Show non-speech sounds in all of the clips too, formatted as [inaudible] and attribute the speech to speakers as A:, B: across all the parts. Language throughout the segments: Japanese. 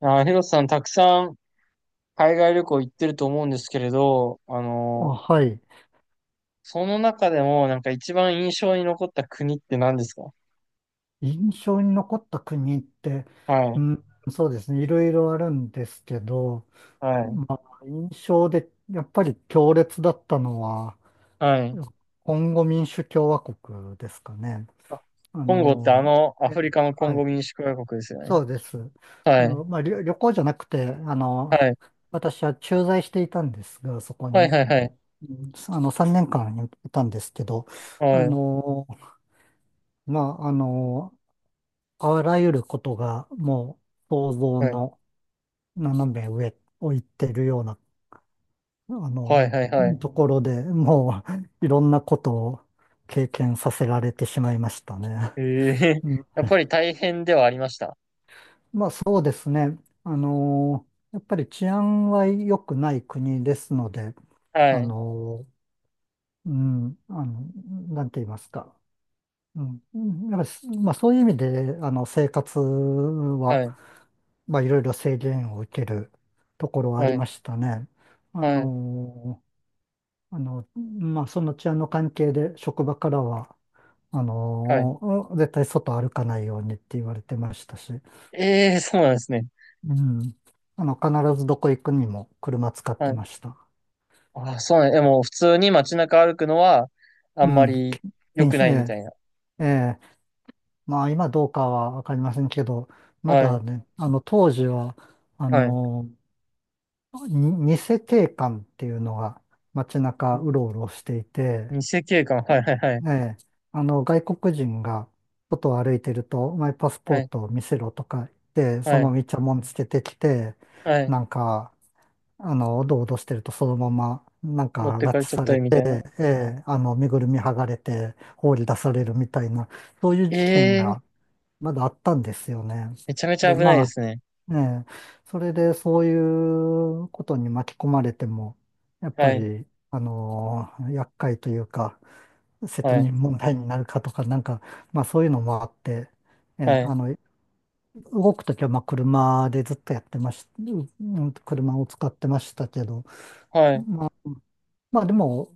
A: ヒロさん、たくさん海外旅行行ってると思うんですけれど、
B: あ、はい。
A: その中でも、なんか一番印象に残った国って何ですか？
B: 印象に残った国って、
A: は
B: う
A: い、
B: ん、そうですね。いろいろあるんですけど、
A: はい、
B: まあ、印象でやっぱり強烈だったのは、
A: はい。
B: コンゴ民主共和国ですかね。
A: あ、
B: あ
A: コンゴって
B: の、
A: ア
B: え
A: フリ
B: え、
A: カのコン
B: は
A: ゴ
B: い。
A: 民主共和国ですよね。
B: そうです。
A: はい、
B: まあ、旅行じゃなくて、
A: はい、
B: 私は駐在していたんですが、そこ
A: はい、
B: に、
A: はい、はい、
B: 3年間いたんですけど、
A: は
B: あ
A: い、
B: の、まあ、あの、あらゆることがもう想像
A: はい、
B: の斜め上を行ってるような、あ
A: はい、
B: の、
A: はい、は
B: と
A: い。
B: ころでもう [laughs] いろんなことを経験させられてしまいましたね。
A: ええ
B: うん、
A: [laughs] やっぱり大変ではありました。
B: まあそうですね。やっぱり治安は良くない国ですので、
A: は
B: あ
A: い、
B: の、うん、あの、なんて言いますか。うん。うやっぱり、まあそういう意味で、生活は、
A: はい、
B: まあいろいろ制限を受けるところはあり
A: はい、
B: ましたね。あ
A: はい、
B: の、まあその治安の関係で職場からは、
A: はい。
B: 絶対外歩かないようにって言われてましたし、
A: ええ、そうなんですね。
B: うん。必ずどこ行くにも車使っ
A: は
B: て
A: い。
B: ました。
A: あ、そうなんや。え、もう普通に街中歩くのは、あん
B: う
A: ま
B: ん。
A: り良
B: 禁
A: く
B: 止、
A: ないみた
B: え
A: いな。
B: え、ええ、まあ今どうかはわかりませんけど、ま
A: は
B: だ
A: い。
B: ね、あの当時は、あ
A: はい。
B: の、偽警官っていうのが街中うろ
A: ん
B: うろしていて、
A: 偽警官。はいはいはい。
B: ええ、あの外国人が外を歩いてると、お前パスポ
A: は
B: ー
A: い。
B: トを見せろとか言って、そ
A: は
B: の
A: い。
B: ままイチャモンつけてきて、
A: はい。
B: なんか、おどおどしてるとそのまま、なん
A: 持っ
B: か
A: て
B: 拉
A: か
B: 致
A: れちゃっ
B: さ
A: た
B: れ
A: りみた
B: て、
A: いな。
B: ええ、身ぐるみ剥がれて放り出されるみたいな、そういう
A: え
B: 事件
A: えー、
B: がまだあったんですよね。
A: めちゃめち
B: で、
A: ゃ危ない
B: ま
A: で
B: あ、
A: すね。
B: ええ、それでそういうことに巻き込まれても、やっ
A: は
B: ぱ
A: い。
B: り、厄介というか、責
A: はい。
B: 任問題になるかとか、なんか、まあそういうのもあって、ええ、
A: はい。
B: 動くときはまあ車でずっとやってまし、うん車を使ってましたけど、
A: はい。
B: まあでも、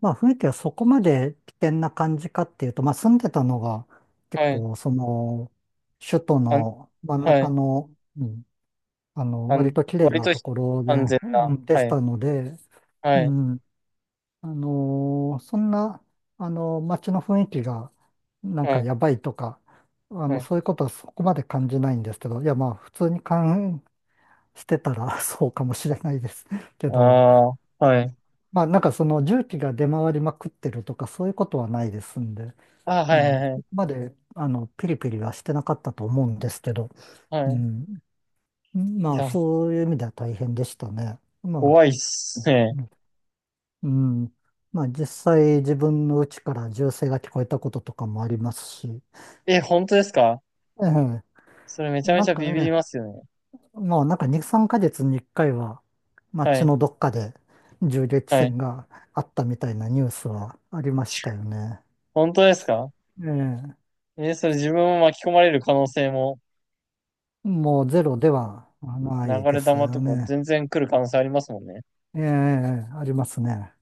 B: まあ雰囲気はそこまで危険な感じかっていうと、まあ住んでたのが結
A: はい。
B: 構その、首都
A: あん、
B: の真ん
A: は
B: 中
A: い。
B: の、うん
A: あ
B: 割
A: ん、
B: と綺麗
A: 割
B: な
A: と
B: ところで、
A: 安全な。
B: うんで
A: は
B: し
A: い。
B: たので、う
A: はい。
B: ん、そんな、街の雰囲気が、なん
A: は
B: か
A: い。
B: やばいとか、
A: はい。
B: そういうことはそこまで感じないんですけど、いや、まあ、普通に感してたら [laughs] そうかもしれないですけ
A: あ
B: ど、
A: あ、はい。
B: まあ、なんかその重機が出回りまくってるとか、そういうことはないですんで、
A: あー、はいは
B: ね、
A: いは
B: そ
A: い。
B: こまで、ピリピリはしてなかったと思うんですけど、
A: は
B: う
A: い。
B: ん、
A: い
B: まあ、
A: や、
B: そういう意味では大変でしたね。ま
A: 怖いっ
B: あ、
A: すね。
B: うん。うんまあ実際自分の家から銃声が聞こえたこととかもありますし、
A: え、本当ですか？
B: ええ、
A: それめちゃめ
B: な
A: ち
B: ん
A: ゃ
B: か
A: ビビり
B: ね、
A: ますよね。
B: もうなんか2、3ヶ月に1回は、まあ
A: は
B: 血
A: い。
B: のどっかで銃撃
A: はい。
B: 戦があったみたいなニュースはありましたよね。
A: 本当ですか？
B: ええ、
A: え、それ自分も巻き込まれる可能性も、
B: もうゼロではな
A: 流
B: いで
A: れ
B: す
A: 弾
B: よ
A: とか
B: ね。
A: 全然来る可能性ありますもんね。
B: ええ、ありますね。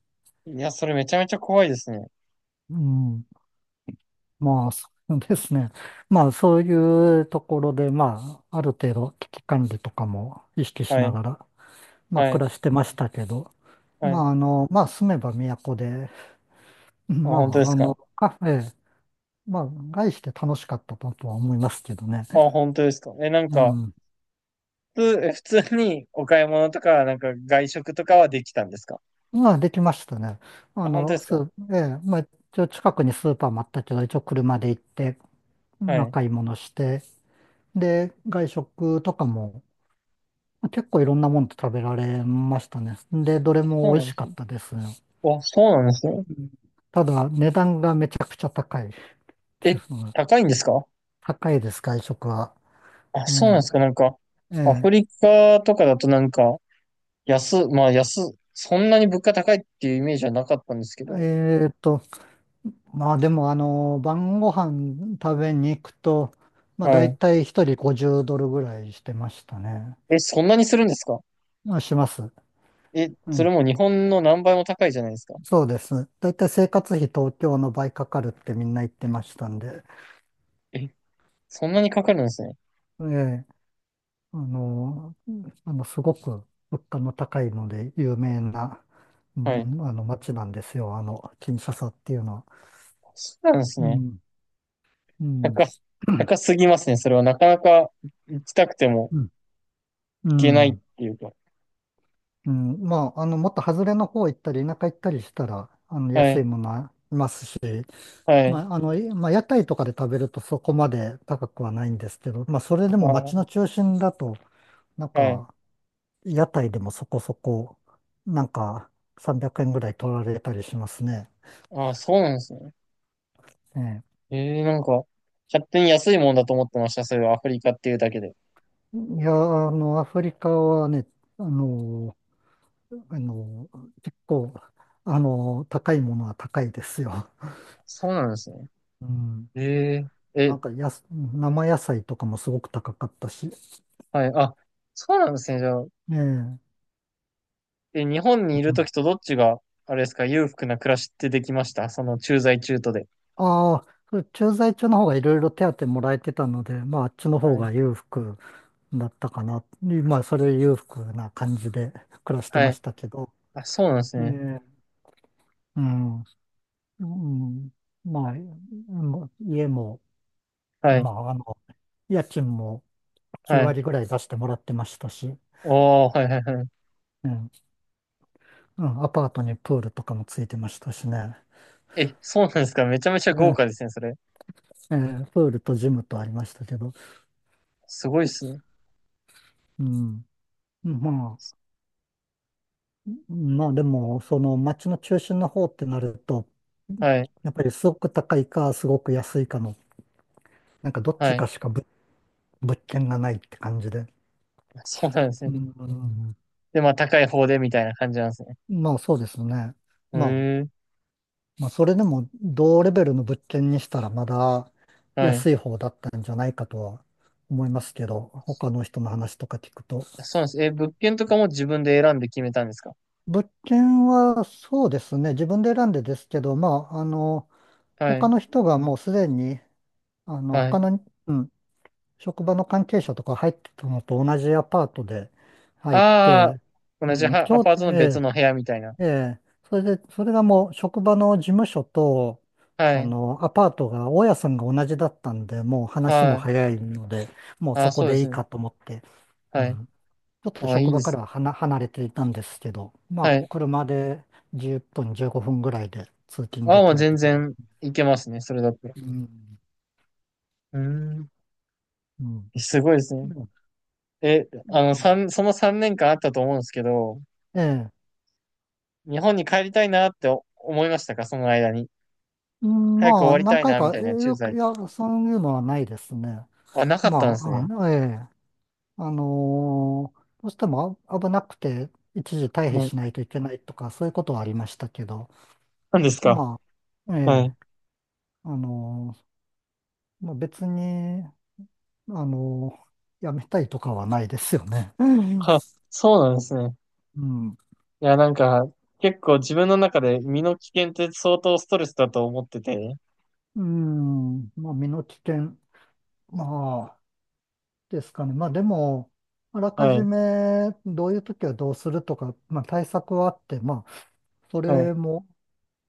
A: いや、それめちゃめちゃ怖いですね。
B: うん。まあ、そうですね。まあ、そういうところで、まあ、ある程度危機管理とかも意識し
A: は
B: な
A: い、
B: がらまあ、
A: は
B: 暮
A: い、
B: らしてましたけど、
A: はい。あ、
B: 住めば都で、ま
A: 本当で
B: あ、
A: す
B: あ
A: か？
B: の、カフェ、まあ、外して楽しかったとは思いますけどね。
A: あ、本当ですか？え、なん
B: う
A: か、
B: ん。
A: 普通にお買い物とか、なんか外食とかはできたんですか？
B: まあ、できましたね。あ
A: あ、本当で
B: の、
A: す
B: ス
A: か？
B: ー、ええ、まあ、一応近くにスーパーもあったけど、一応車で行って、
A: は
B: まあ、
A: い。
B: 買い物して、で、外食とかも、結構いろんなもの食べられましたね。で、どれ
A: そ
B: も
A: う
B: 美
A: なん
B: 味し
A: で
B: か
A: す
B: っ
A: ね。
B: たです。
A: あ、そうなんですね。
B: うん。ただ、値段がめちゃくちゃ高いってい
A: え、
B: うのが、
A: 高いんですか？
B: [laughs] 高いです、外食は。
A: あ、
B: え
A: そうなんですか？なんか、
B: え、
A: ア
B: え
A: フリカとかだとなんか、安、まあ安、そんなに物価高いっていうイメージはなかったんですけ
B: え、
A: ど。
B: えーと、まあでもあの、晩ご飯食べに行くと、まあ
A: は
B: 大
A: い。
B: 体一人50ドルぐらいしてましたね。
A: え、そんなにするんですか？
B: まあします。
A: え、
B: う
A: そ
B: ん、
A: れも日本の何倍も高いじゃないですか。
B: そうです。大体生活費東京の倍かかるってみんな言ってましたんで、
A: え、そんなにかかるんですね。
B: ええ、あの、すごく物価の高いので有名な、う
A: はい。
B: ん、あの街なんですよ、あの、キンシャサっていうのは。
A: そうなんです
B: う
A: ね。
B: ん、うん、
A: 高す、
B: [clears throat]
A: 高すぎますね。それはなかなか行きたくても
B: うん、う
A: 行けないっ
B: ん。
A: ていうか。
B: うん、まあ、もっと外れの方行ったり、田舎行ったりしたら、
A: は
B: 安
A: い。
B: いものはいますし、
A: はい。
B: まあ、屋台とかで食べるとそこまで高くはないんですけど、まあ、それで
A: あ
B: も街の
A: ー、
B: 中心だと、なん
A: はい。
B: か、屋台でもそこそこ、なんか、300円ぐらい取られたりしますね。
A: あー、そうなんですね。
B: ええ、
A: なんか、勝手に安いもんだと思ってました。それアフリカっていうだけで。
B: いや、あの、アフリカはね、あの、あの、結構、高いものは高いですよ。
A: そうなんですね。
B: うん、
A: えー、
B: な
A: え、
B: んか生野菜とかもすごく高かったし。
A: はい。あ、そうなんですね。じゃあ、
B: ねえ。
A: 日本にい
B: う
A: ると
B: ん。
A: きとどっちが、あれですか、裕福な暮らしってできました、その駐在中途で。
B: ああ、それ駐在中の方がいろいろ手当もらえてたので、まああっちの方
A: はい。
B: が裕福だったかな。まあそれ裕福な感じで暮らして
A: は
B: ま
A: い。
B: したけど。
A: あ、そうなんです
B: え
A: ね。
B: え、うん。うん。まあ、もう家も、
A: はい。
B: まああの、家賃も9
A: はい。
B: 割ぐらい出してもらってましたし、
A: おー、はいはいはい。
B: うん。うん、アパートにプールとかもついてましたしね。
A: え、そうなんですか。めちゃめちゃ豪
B: ええ、
A: 華ですね、それ。
B: ええ、プールとジムとありましたけど。
A: すごいですね。
B: うん。まあ、まあでも、その街の中心の方ってなると、
A: はい。
B: やっぱりすごく高いか、すごく安いかの、なんかどっち
A: はい。
B: かしかぶ物件がないって感じで。
A: そうなんです
B: う
A: ね。
B: ん、
A: で、まあ、高い方でみたいな感じなんですね。
B: まあそうですね。
A: へ
B: まあ、
A: ん、
B: まあそれでも同レベルの物件にしたらまだ
A: はい。
B: 安い方だったんじゃないかとは思いますけど、他の人の話とか聞くと。
A: そうなんです。え、物件とかも自分で選んで決めたんですか？
B: 物件はそうですね、自分で選んでですけど、まあ、
A: は
B: 他
A: い。
B: の人がもうすでにあの、
A: はい。
B: 他の、うん、職場の関係者とか入ってたのと同じアパートで入っ
A: ああ、
B: て、う
A: 同じ
B: ん、ち
A: は、ア
B: ょう
A: パー
B: ど、
A: トの別
B: え
A: の部屋みたいな。
B: え、ええ、それで、それがもう職場の事務所と、
A: はい。
B: アパートが、大家さんが同じだったんで、もう話
A: は
B: も
A: い。
B: 早いので、もう
A: あ
B: そ
A: あ、
B: こ
A: そうで
B: でい
A: す
B: い
A: ね。
B: かと思って、う
A: はい。
B: ん、ちょっと
A: ああ、い
B: 職
A: い
B: 場
A: で
B: か
A: す
B: ら
A: ね。
B: は離れていたんですけど、まあ、
A: はい。
B: 車で10分、15分ぐらいで通勤
A: ああ、
B: で
A: まあ
B: きる
A: 全
B: と思
A: 然いけますね、それだったら。
B: う。うん、
A: うーん。
B: うん、
A: すごいですね。え、あの、
B: うん、
A: 三その3年間あったと思うんですけど、
B: ええ、
A: 日本に帰りたいなってお思いましたか、その間に？
B: うん、
A: 早く終
B: まあ、
A: わりた
B: 何
A: い
B: 回
A: な、み
B: か、
A: たい
B: え
A: な駐
B: よく、
A: 在。
B: いや、そういうのはないですね。
A: あ、なかったん
B: ま
A: ですね。
B: あ、え、あのーどうしても危なくて、一時退避
A: はい。
B: しないといけないとか、そういうことはありましたけど、
A: なんですか？
B: まあ、え
A: は
B: え、
A: い。
B: あのまあ、別に、あのーやめたいとかはないですよね。うん、
A: は、そうなんですね。
B: うん、
A: いや、なんか、結構自分の中で身の危険って相当ストレスだと思ってて。
B: うん、まあ、身の危険、まあ、ですかね。まあ、でも、あらか
A: は
B: じ
A: い。
B: めどういう時はどうするとか、まあ、対策はあって、まあ、そ
A: はい。
B: れも、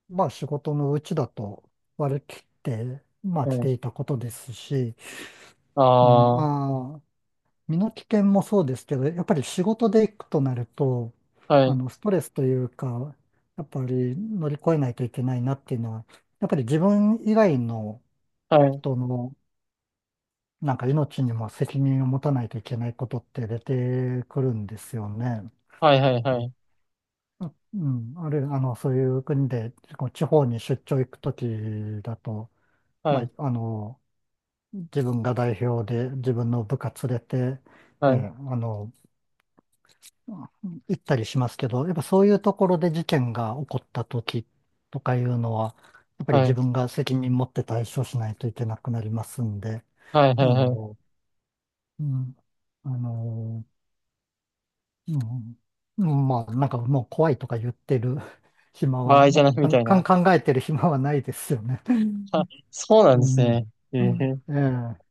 B: まあ仕事のうちだと割り切って、まあ
A: は
B: 来て
A: い。
B: いたことですし、うん、
A: ああ、
B: まあ、身の危険もそうですけど、やっぱり仕事で行くとなると、
A: はい。
B: ストレスというか、やっぱり乗り越えないといけないなっていうのは、やっぱり自分以外の
A: はい。
B: 人の、なんか命にも責任を持たないといけないことって出てくるんですよね。
A: はい。
B: う
A: は
B: ん、
A: い。
B: あるいはそういう国で、こう地方に出張行くときだと、
A: は
B: ま
A: い。
B: あ、自分が代表で自分の部下連れて、え
A: はい。
B: ーあの、行ったりしますけど、やっぱそういうところで事件が起こった時とかいうのは、やっぱり
A: はい。
B: 自
A: はい。
B: 分が責任持って対処しないといけなくなりますんで、
A: はい。は
B: あ
A: い。はい。はい。
B: の、うん、あの、うん、うんまあ、なんかもう怖いとか言ってる [laughs] 暇
A: 場
B: は、
A: 合じゃないみ
B: か
A: た
B: ん、
A: い
B: か
A: な。
B: ん考えてる [laughs] 暇はないですよね。
A: [laughs] あ、そうな
B: う
A: んです
B: ん。
A: ね。え
B: うん、
A: え。
B: ええ、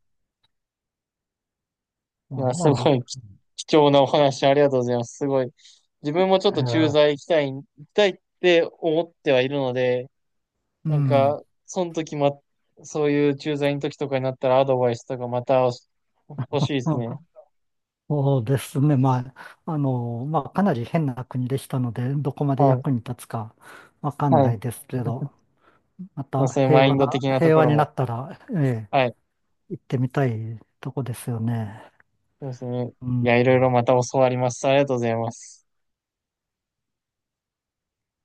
A: い
B: まあ、
A: や、す
B: ま
A: ごい貴重なお話ありがとうございます。すごい。自分もちょ
B: あ、
A: っ
B: え
A: と駐
B: え、
A: 在行きたい、行きたいって思ってはいるので、
B: う
A: なん
B: ん。
A: か、その時ま、そういう駐在の時とかになったらアドバイスとかまた欲しいですね。
B: あ、そうですね。まあ、まあ、かなり変な国でしたので、どこまで
A: はい。
B: 役に立つかわかん
A: は
B: な
A: い。
B: いですけ
A: [laughs]
B: ど、ま
A: まあ
B: た
A: そういう
B: 平
A: マイ
B: 和
A: ン
B: な、
A: ド的なと
B: 平
A: こ
B: 和
A: ろ
B: にな
A: も。
B: ったら、ええ、
A: はい。
B: 行ってみたいとこですよね。
A: そうですね。
B: う
A: い
B: ん。
A: や、いろいろまた教わります。ありがとうございます。